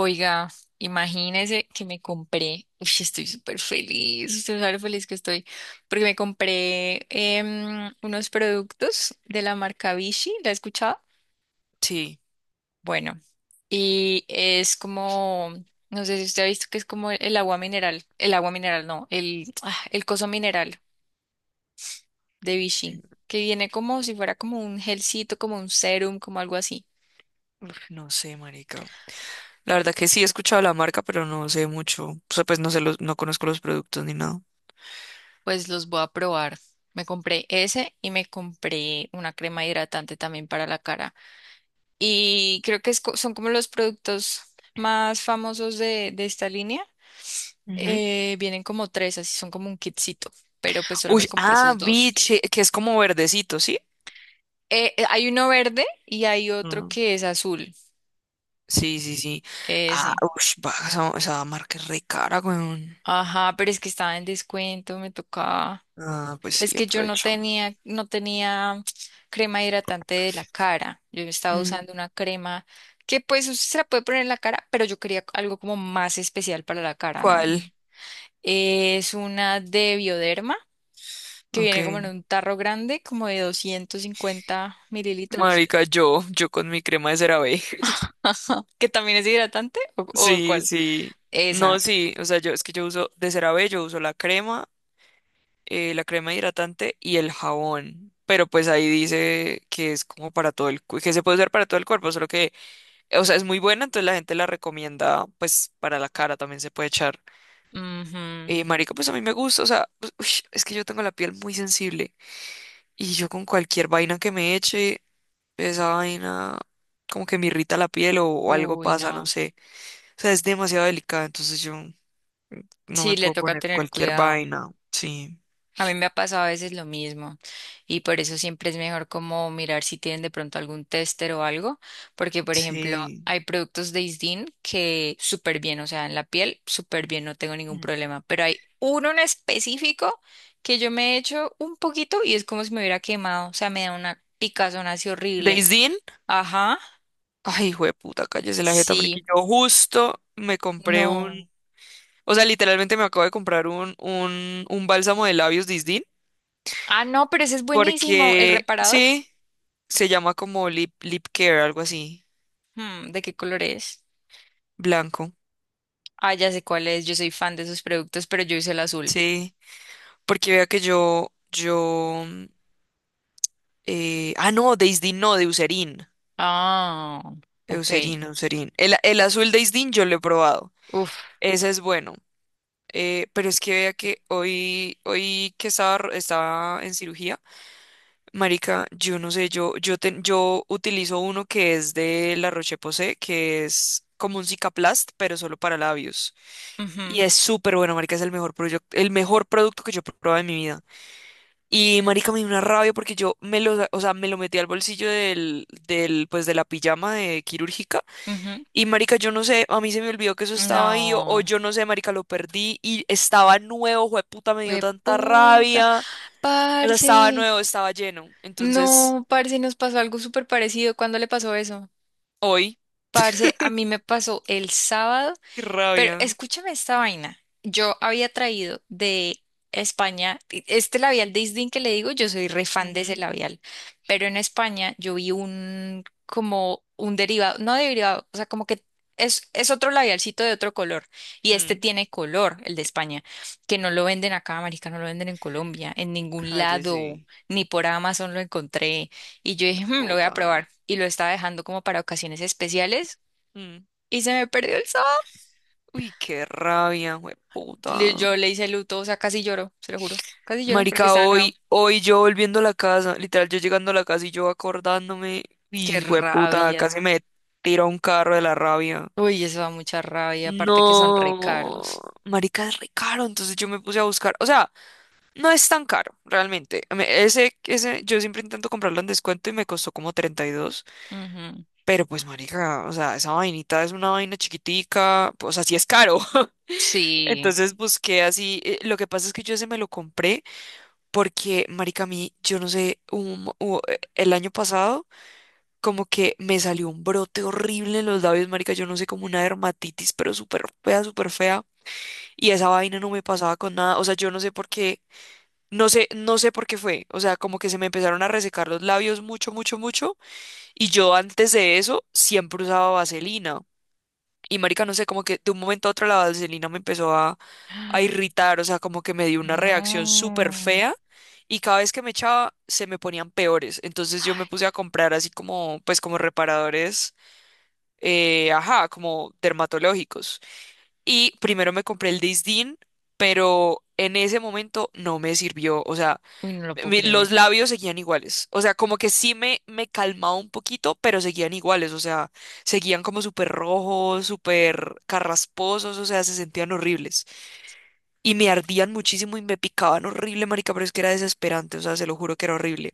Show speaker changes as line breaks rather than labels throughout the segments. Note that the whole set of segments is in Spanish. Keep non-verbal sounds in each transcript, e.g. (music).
Oiga, imagínese que me compré, uy, estoy súper feliz, porque me compré unos productos de la marca Vichy, ¿la he escuchado?
Sí.
Bueno, y es como, no sé si usted ha visto que es como el agua mineral, no, el coso mineral de Vichy,
Mm,
que viene como si fuera como un gelcito, como un serum, como algo así.
Uf, no sé, marica. La verdad que sí he escuchado la marca, pero no sé mucho. O sea, pues no conozco los productos ni nada.
Pues los voy a probar. Me compré ese y me compré una crema hidratante también para la cara. Y creo que son como los productos más famosos de esta línea.
Ujú.
Vienen como tres, así son como un kitcito, pero pues solo me
Uy,
compré
ah,
esos dos.
biche, que es como verdecito, ¿sí?
Hay uno verde y hay otro
Ah,
que es azul,
sí, sí, sí. Ah,
ese.
ush, va, esa marca es re cara, weón.
Ajá, pero es que estaba en descuento, me tocaba.
Ah, pues sí,
Es que yo no
aprovecho.
tenía, no tenía crema hidratante de la cara. Yo estaba
Mm,
usando una crema que pues usted se la puede poner en la cara, pero yo quería algo como más especial para la cara, ¿no?
¿Cuál?
Es una de Bioderma que
Ok.
viene como en un tarro grande, como de 250 ml,
Marica, yo con mi crema de CeraVe. (laughs)
(laughs) que también es hidratante, ¿ o
Sí,
cuál?
sí. No,
Esa.
sí, o sea, yo es que yo uso de CeraVe, yo uso la crema hidratante y el jabón. Pero pues ahí dice que es como para que se puede usar para todo el cuerpo, solo que, o sea, es muy buena, entonces la gente la recomienda, pues, para la cara también se puede echar.
Ujú.
Marica, pues a mí me gusta, o sea, pues, ush, es que yo tengo la piel muy sensible, y yo con cualquier vaina que me eche, esa vaina como que me irrita la piel o algo
Uy,
pasa, no
no.
sé. O sea, es demasiado delicada, entonces yo no
Sí,
me
le
puedo
toca
poner
tener
cualquier
cuidado.
vaina. Sí,
A mí me ha pasado a veces lo mismo y por eso siempre es mejor como mirar si tienen de pronto algún tester o algo, porque por ejemplo
sí.
hay productos de Isdin que súper bien, o sea, en la piel súper bien, no tengo ningún
Mm.
problema, pero hay uno en específico que yo me he hecho un poquito y es como si me hubiera quemado, o sea, me da una picazón así horrible.
¿Daisy?
Ajá,
Ay, hijo de puta, cállese la jeta, marica.
sí,
Yo justo
no.
o sea, literalmente me acabo de comprar un bálsamo de labios Disdin,
Ah, no, pero ese es buenísimo, el
porque
reparador.
sí, se llama como lip care, algo así,
Hmm, ¿de qué color es?
blanco,
Ah, ya sé cuál es, yo soy fan de esos productos, pero yo hice el azul.
sí, porque vea que no, de Isdin no, de Eucerin,
Ah, ok.
Eucerin, Eucerin. El azul de Isdin yo lo he probado,
Uf.
ese es bueno, pero es que vea que hoy que estaba en cirugía. Marica, yo no sé, yo utilizo uno que es de La Roche-Posay, que es como un Cicaplast, pero solo para labios. Y
Ujú,
es súper bueno, marica, es el mejor producto que yo he probado en mi vida. Y marica, me dio una rabia porque yo me lo, sa- o sea, me lo metí al bolsillo de la pijama de quirúrgica.
ujú.
Y marica, yo no sé, a mí se me olvidó que eso estaba ahí, o
No,
yo no sé, marica, lo perdí y estaba nuevo, jueputa, me dio tanta
puta,
rabia. O sea, estaba
parce.
nuevo, estaba lleno. Entonces,
No, parce, nos pasó algo súper parecido. ¿Cuándo le pasó eso?
hoy.
Parce, a mí me pasó el sábado.
Qué
Pero
rabia.
escúchame esta vaina. Yo había traído de España, este labial de Isdin que le digo, yo soy re fan de ese
Ujú,
labial, pero en España yo vi un como un derivado, no derivado, o sea, como que es otro labialcito de otro color y este
mm.
tiene color, el de España, que no lo venden acá, marica, no lo venden en Colombia, en ningún lado,
Cállese,
ni por Amazon lo encontré y yo dije, lo voy a
puta.
probar y lo estaba dejando como para ocasiones especiales
Mm.
y se me perdió el sabor.
Uy, qué rabia,
Le-
puta.
yo le hice luto, o sea, casi lloro, se lo juro. Casi lloro porque
Marica,
estaba nuevo.
hoy yo volviendo a la casa, literal, yo llegando a la casa y yo acordándome,
Qué
y puta, casi
rabia.
me tira un carro de la rabia.
Uy, eso da mucha rabia, aparte que son re caros.
No, marica, es re caro, entonces yo me puse a buscar, o sea, no es tan caro, realmente. Yo siempre intento comprarlo en descuento y me costó como 32.
Ujú.
Pero pues, marica, o sea, esa vainita es una vaina chiquitica, o sea, sí es caro. (laughs)
Sí.
Entonces busqué así, lo que pasa es que yo ese me lo compré porque, marica, a mí, yo no sé, el año pasado como que me salió un brote horrible en los labios, marica, yo no sé, como una dermatitis, pero súper fea, súper fea. Y esa vaina no me pasaba con nada, o sea, yo no sé por qué, no sé por qué fue. O sea, como que se me empezaron a resecar los labios mucho, mucho, mucho. Y yo antes de eso siempre usaba vaselina. Y marica, no sé, como que de un momento a otro la vaselina me empezó a
(gasps) Ah,
irritar, o sea, como que me dio una reacción súper
no.
fea y cada vez que me echaba se me ponían peores. Entonces yo me
Ay,
puse a comprar así como, pues como reparadores, ajá, como dermatológicos. Y primero me compré el Disdin, pero en ese momento no me sirvió, o sea,
uy, no lo puedo
los
creer.
labios seguían iguales. O sea, como que sí me calmaba un poquito, pero seguían iguales. O sea, seguían como súper rojos, súper carrasposos, o sea, se sentían horribles. Y me ardían muchísimo y me picaban horrible, marica, pero es que era desesperante. O sea, se lo juro que era horrible.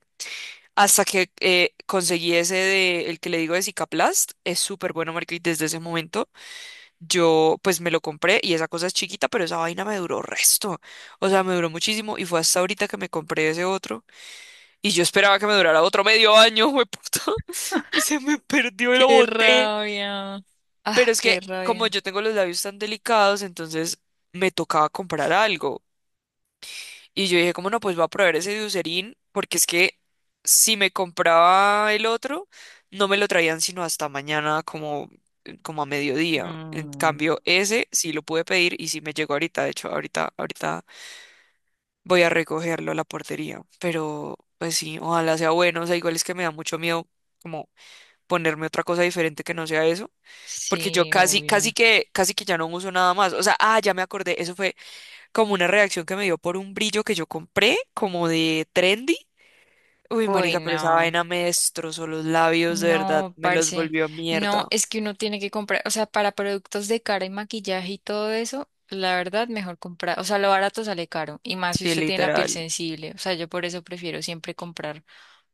Hasta que conseguí el que le digo de Cicaplast, es súper bueno, marica, y desde ese momento yo pues me lo compré y esa cosa es chiquita, pero esa vaina me duró resto. O sea, me duró muchísimo y fue hasta ahorita que me compré ese otro y yo esperaba que me durara otro medio año, puta, (laughs) y se me perdió y lo
Qué
boté.
rabia.
Pero
Ah,
es que
qué
como
rabia.
yo tengo los labios tan delicados, entonces me tocaba comprar algo. Y yo dije, como no, pues voy a probar ese de Eucerin, porque es que si me compraba el otro, no me lo traían sino hasta mañana como a mediodía. En
Mm,
cambio, ese sí lo pude pedir y sí me llegó ahorita. De hecho, ahorita voy a recogerlo a la portería. Pero, pues sí, ojalá sea bueno. O sea, igual es que me da mucho miedo como ponerme otra cosa diferente que no sea eso. Porque yo
sí,
casi,
obvio.
casi que ya no uso nada más. O sea, ah, ya me acordé. Eso fue como una reacción que me dio por un brillo que yo compré, como de trendy. Uy,
Uy,
marica, pero esa
no.
vaina me destrozó los labios, de verdad.
No,
Me los
parce,
volvió
no,
mierda.
es que uno tiene que comprar, o sea, para productos de cara y maquillaje y todo eso, la verdad, mejor comprar, o sea, lo barato sale caro, y más si
Sí,
usted tiene la piel
literal.
sensible, o sea, yo por eso prefiero siempre comprar,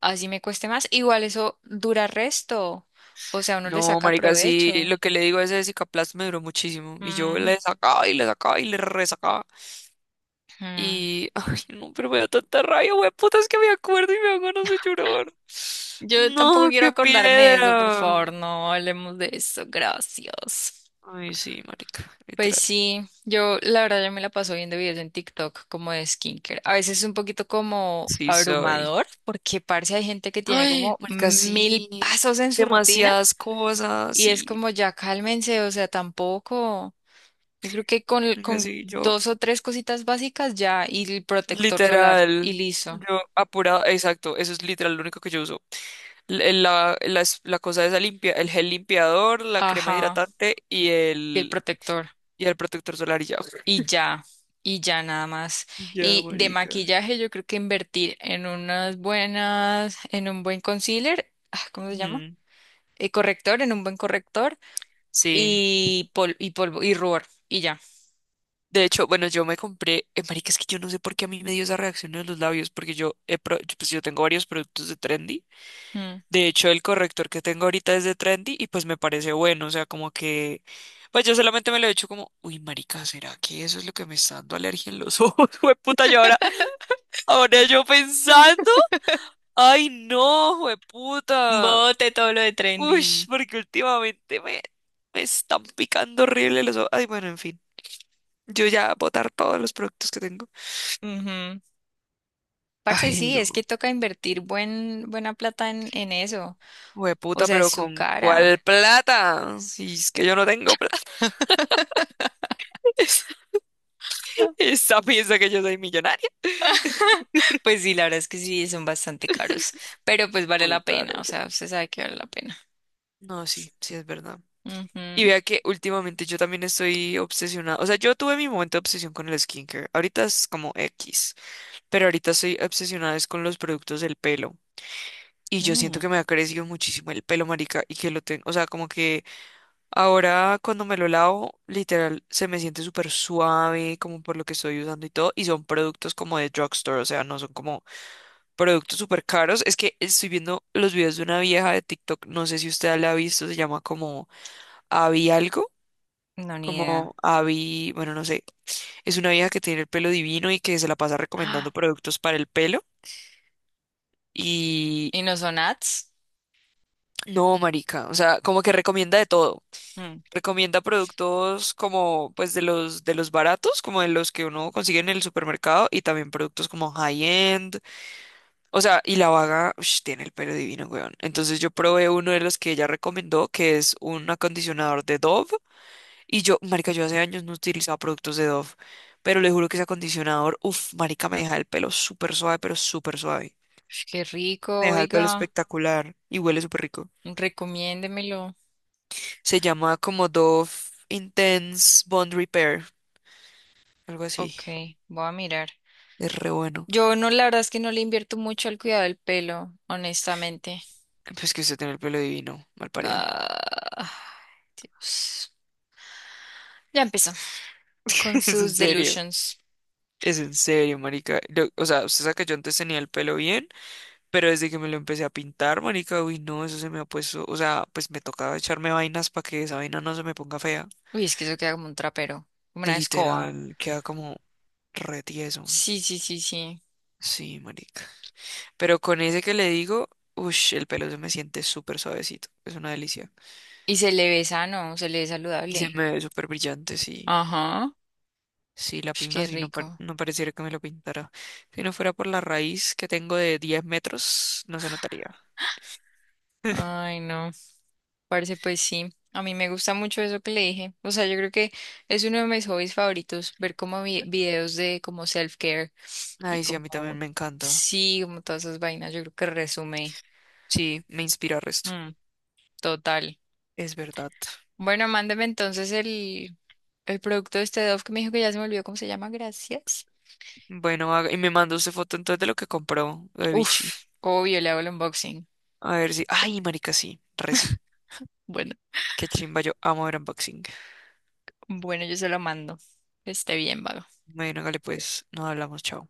así me cueste más, igual eso dura resto, o sea, uno le
No,
saca
marica, sí,
provecho.
lo que le digo a ese Cicaplast me duró muchísimo. Y yo
Mm,
le sacaba y le sacaba y le resacaba.
mm.
Y, (laughs) ay, no, pero me da tanta rabia, güey, puta, es que me acuerdo y me dan ganas de llorar.
Yo tampoco
No,
quiero
qué
acordarme de eso, por
piedra.
favor, no hablemos de eso, gracias.
Ay, sí, marica,
Pues
literal.
sí, yo la verdad yo me la paso viendo videos en TikTok como de skincare. A veces es un poquito como
Sí, soy.
abrumador porque parece hay gente que tiene
Ay,
como
marica,
mil
sí.
pasos en su rutina
Demasiadas cosas,
y es
sí.
como ya cálmense, o sea, tampoco. Yo creo que
Marica,
con
sí, yo,
dos o tres cositas básicas ya y el protector solar y
literal.
listo.
Yo, apurada, exacto, eso es literal lo único que yo uso. La cosa esa limpia, el gel limpiador, la crema
Ajá,
hidratante y
y el
el,
protector.
y el protector solar y ya.
Y
(laughs)
ya, y ya nada más.
Y ya,
Y de
marica.
maquillaje yo creo que invertir en unas buenas, en un buen concealer, ah, ¿cómo se llama?
Ujú,
Corrector, en un buen corrector
sí,
y polvo y rubor y ya.
de hecho, bueno, yo me compré, marica, es que yo no sé por qué a mí me dio esa reacción en los labios, porque yo, he pro- yo, pues yo tengo varios productos de Trendy,
Mm.
de hecho el corrector que tengo ahorita es de Trendy y pues me parece bueno, o sea, como que, pues yo solamente me lo he hecho como, uy, marica, ¿será que eso es lo que me está dando alergia en los ojos? (laughs) Jueputa, yo ahora,
(laughs)
ahora yo pensando, ay no, jueputa,
Bote todo lo de
uy,
trendy.
porque últimamente me están picando horrible los ojos, ay, bueno, en fin. Yo ya botar todos los productos que tengo.
Ujú. Parce,
Ay,
sí, es
no,
que toca invertir buena plata en eso. O
puta,
sea, es
pero
su
¿con cuál
cara.
plata? Si es que yo no tengo plata. (laughs)
(laughs)
Esa piensa que yo soy millonaria. (laughs)
Pues sí, la verdad es que sí, son bastante caros, pero pues vale
Muy
la pena,
caro.
o sea, usted sabe que vale la pena.
No, sí, sí es verdad. Y
Ujú.
vea que últimamente yo también estoy obsesionada. O sea, yo tuve mi momento de obsesión con el skincare. Ahorita es como X, pero ahorita estoy obsesionada es con los productos del pelo. Y yo siento
Mm.
que me ha crecido muchísimo el pelo, marica, y que lo tengo, o sea, como que ahora cuando me lo lavo, literal, se me siente súper suave, como por lo que estoy usando y todo. Y son productos como de drugstore, o sea, no son como productos súper caros. Es que estoy viendo los videos de una vieja de TikTok, no sé si usted la ha visto, se llama como Abby algo,
No, ni idea.
como Abby, bueno, no sé. Es una vieja que tiene el pelo divino y que se la pasa recomendando
¡Ah!
productos para el pelo. Y
¿Y no son ads?
no, marica, o sea, como que recomienda de todo.
Mm,
Recomienda productos como pues de los baratos, como de los que uno consigue en el supermercado y también productos como high end. O sea, y la vaga ush, tiene el pelo divino, weón. Entonces yo probé uno de los que ella recomendó, que es un acondicionador de Dove y yo, marica, yo hace años no utilizaba productos de Dove, pero le juro que ese acondicionador, uff, marica, me deja el pelo súper suave, pero súper suave.
uf, qué rico,
Me deja el pelo
oiga.
espectacular y huele súper rico.
Recomiéndemelo.
Se llama como Dove Intense Bond Repair, algo así.
Ok, voy a mirar.
Es re bueno.
Yo no, la verdad es que no le invierto mucho al cuidado del pelo, honestamente.
Pues que usted tiene el pelo divino, mal parido.
Ah, Dios. Ya empezó. Con
(laughs) Es en
sus
serio.
delusions.
Es en serio, marica. O sea, usted sabe que yo antes tenía el pelo bien, pero desde que me lo empecé a pintar, marica, uy, no, eso se me ha puesto. O sea, pues me tocaba echarme vainas para que esa vaina no se me ponga fea.
Uy, es que eso queda como un trapero, como una escoba.
Literal, queda como re tieso.
Sí, sí, sí, sí.
Sí, marica. Pero con ese que le digo, uff, el pelo se me siente súper suavecito. Es una delicia.
Y se le ve sano, se le ve
Y se
saludable.
me ve súper brillante, sí.
Ajá.
Sí, la
Uf,
plena
qué
sí, no,
rico.
no pareciera que me lo pintara. Si no fuera por la raíz que tengo de 10 metros, no se notaría.
Ay, no. Parce, pues sí, a mí me gusta mucho eso que le dije. O sea, yo creo que es uno de mis hobbies favoritos, ver como videos de como self-care y
Ay, sí, a mí también
como,
me encanta.
sí, como todas esas vainas, yo creo que resume.
Sí, me inspira el resto.
Mm, total.
Es verdad.
Bueno, mándeme entonces el producto de este Dove que me dijo que ya se me olvidó cómo se llama, gracias.
Bueno, y me mandó usted foto entonces de lo que compró de Vichy.
Uf, obvio, le hago el unboxing.
A ver si. Ay, marica, sí, re sí.
Bueno,
Qué chimba, yo amo ver unboxing.
bueno, yo se lo mando. Que esté bien, vago.
Bueno, hágale pues, nos hablamos, chao.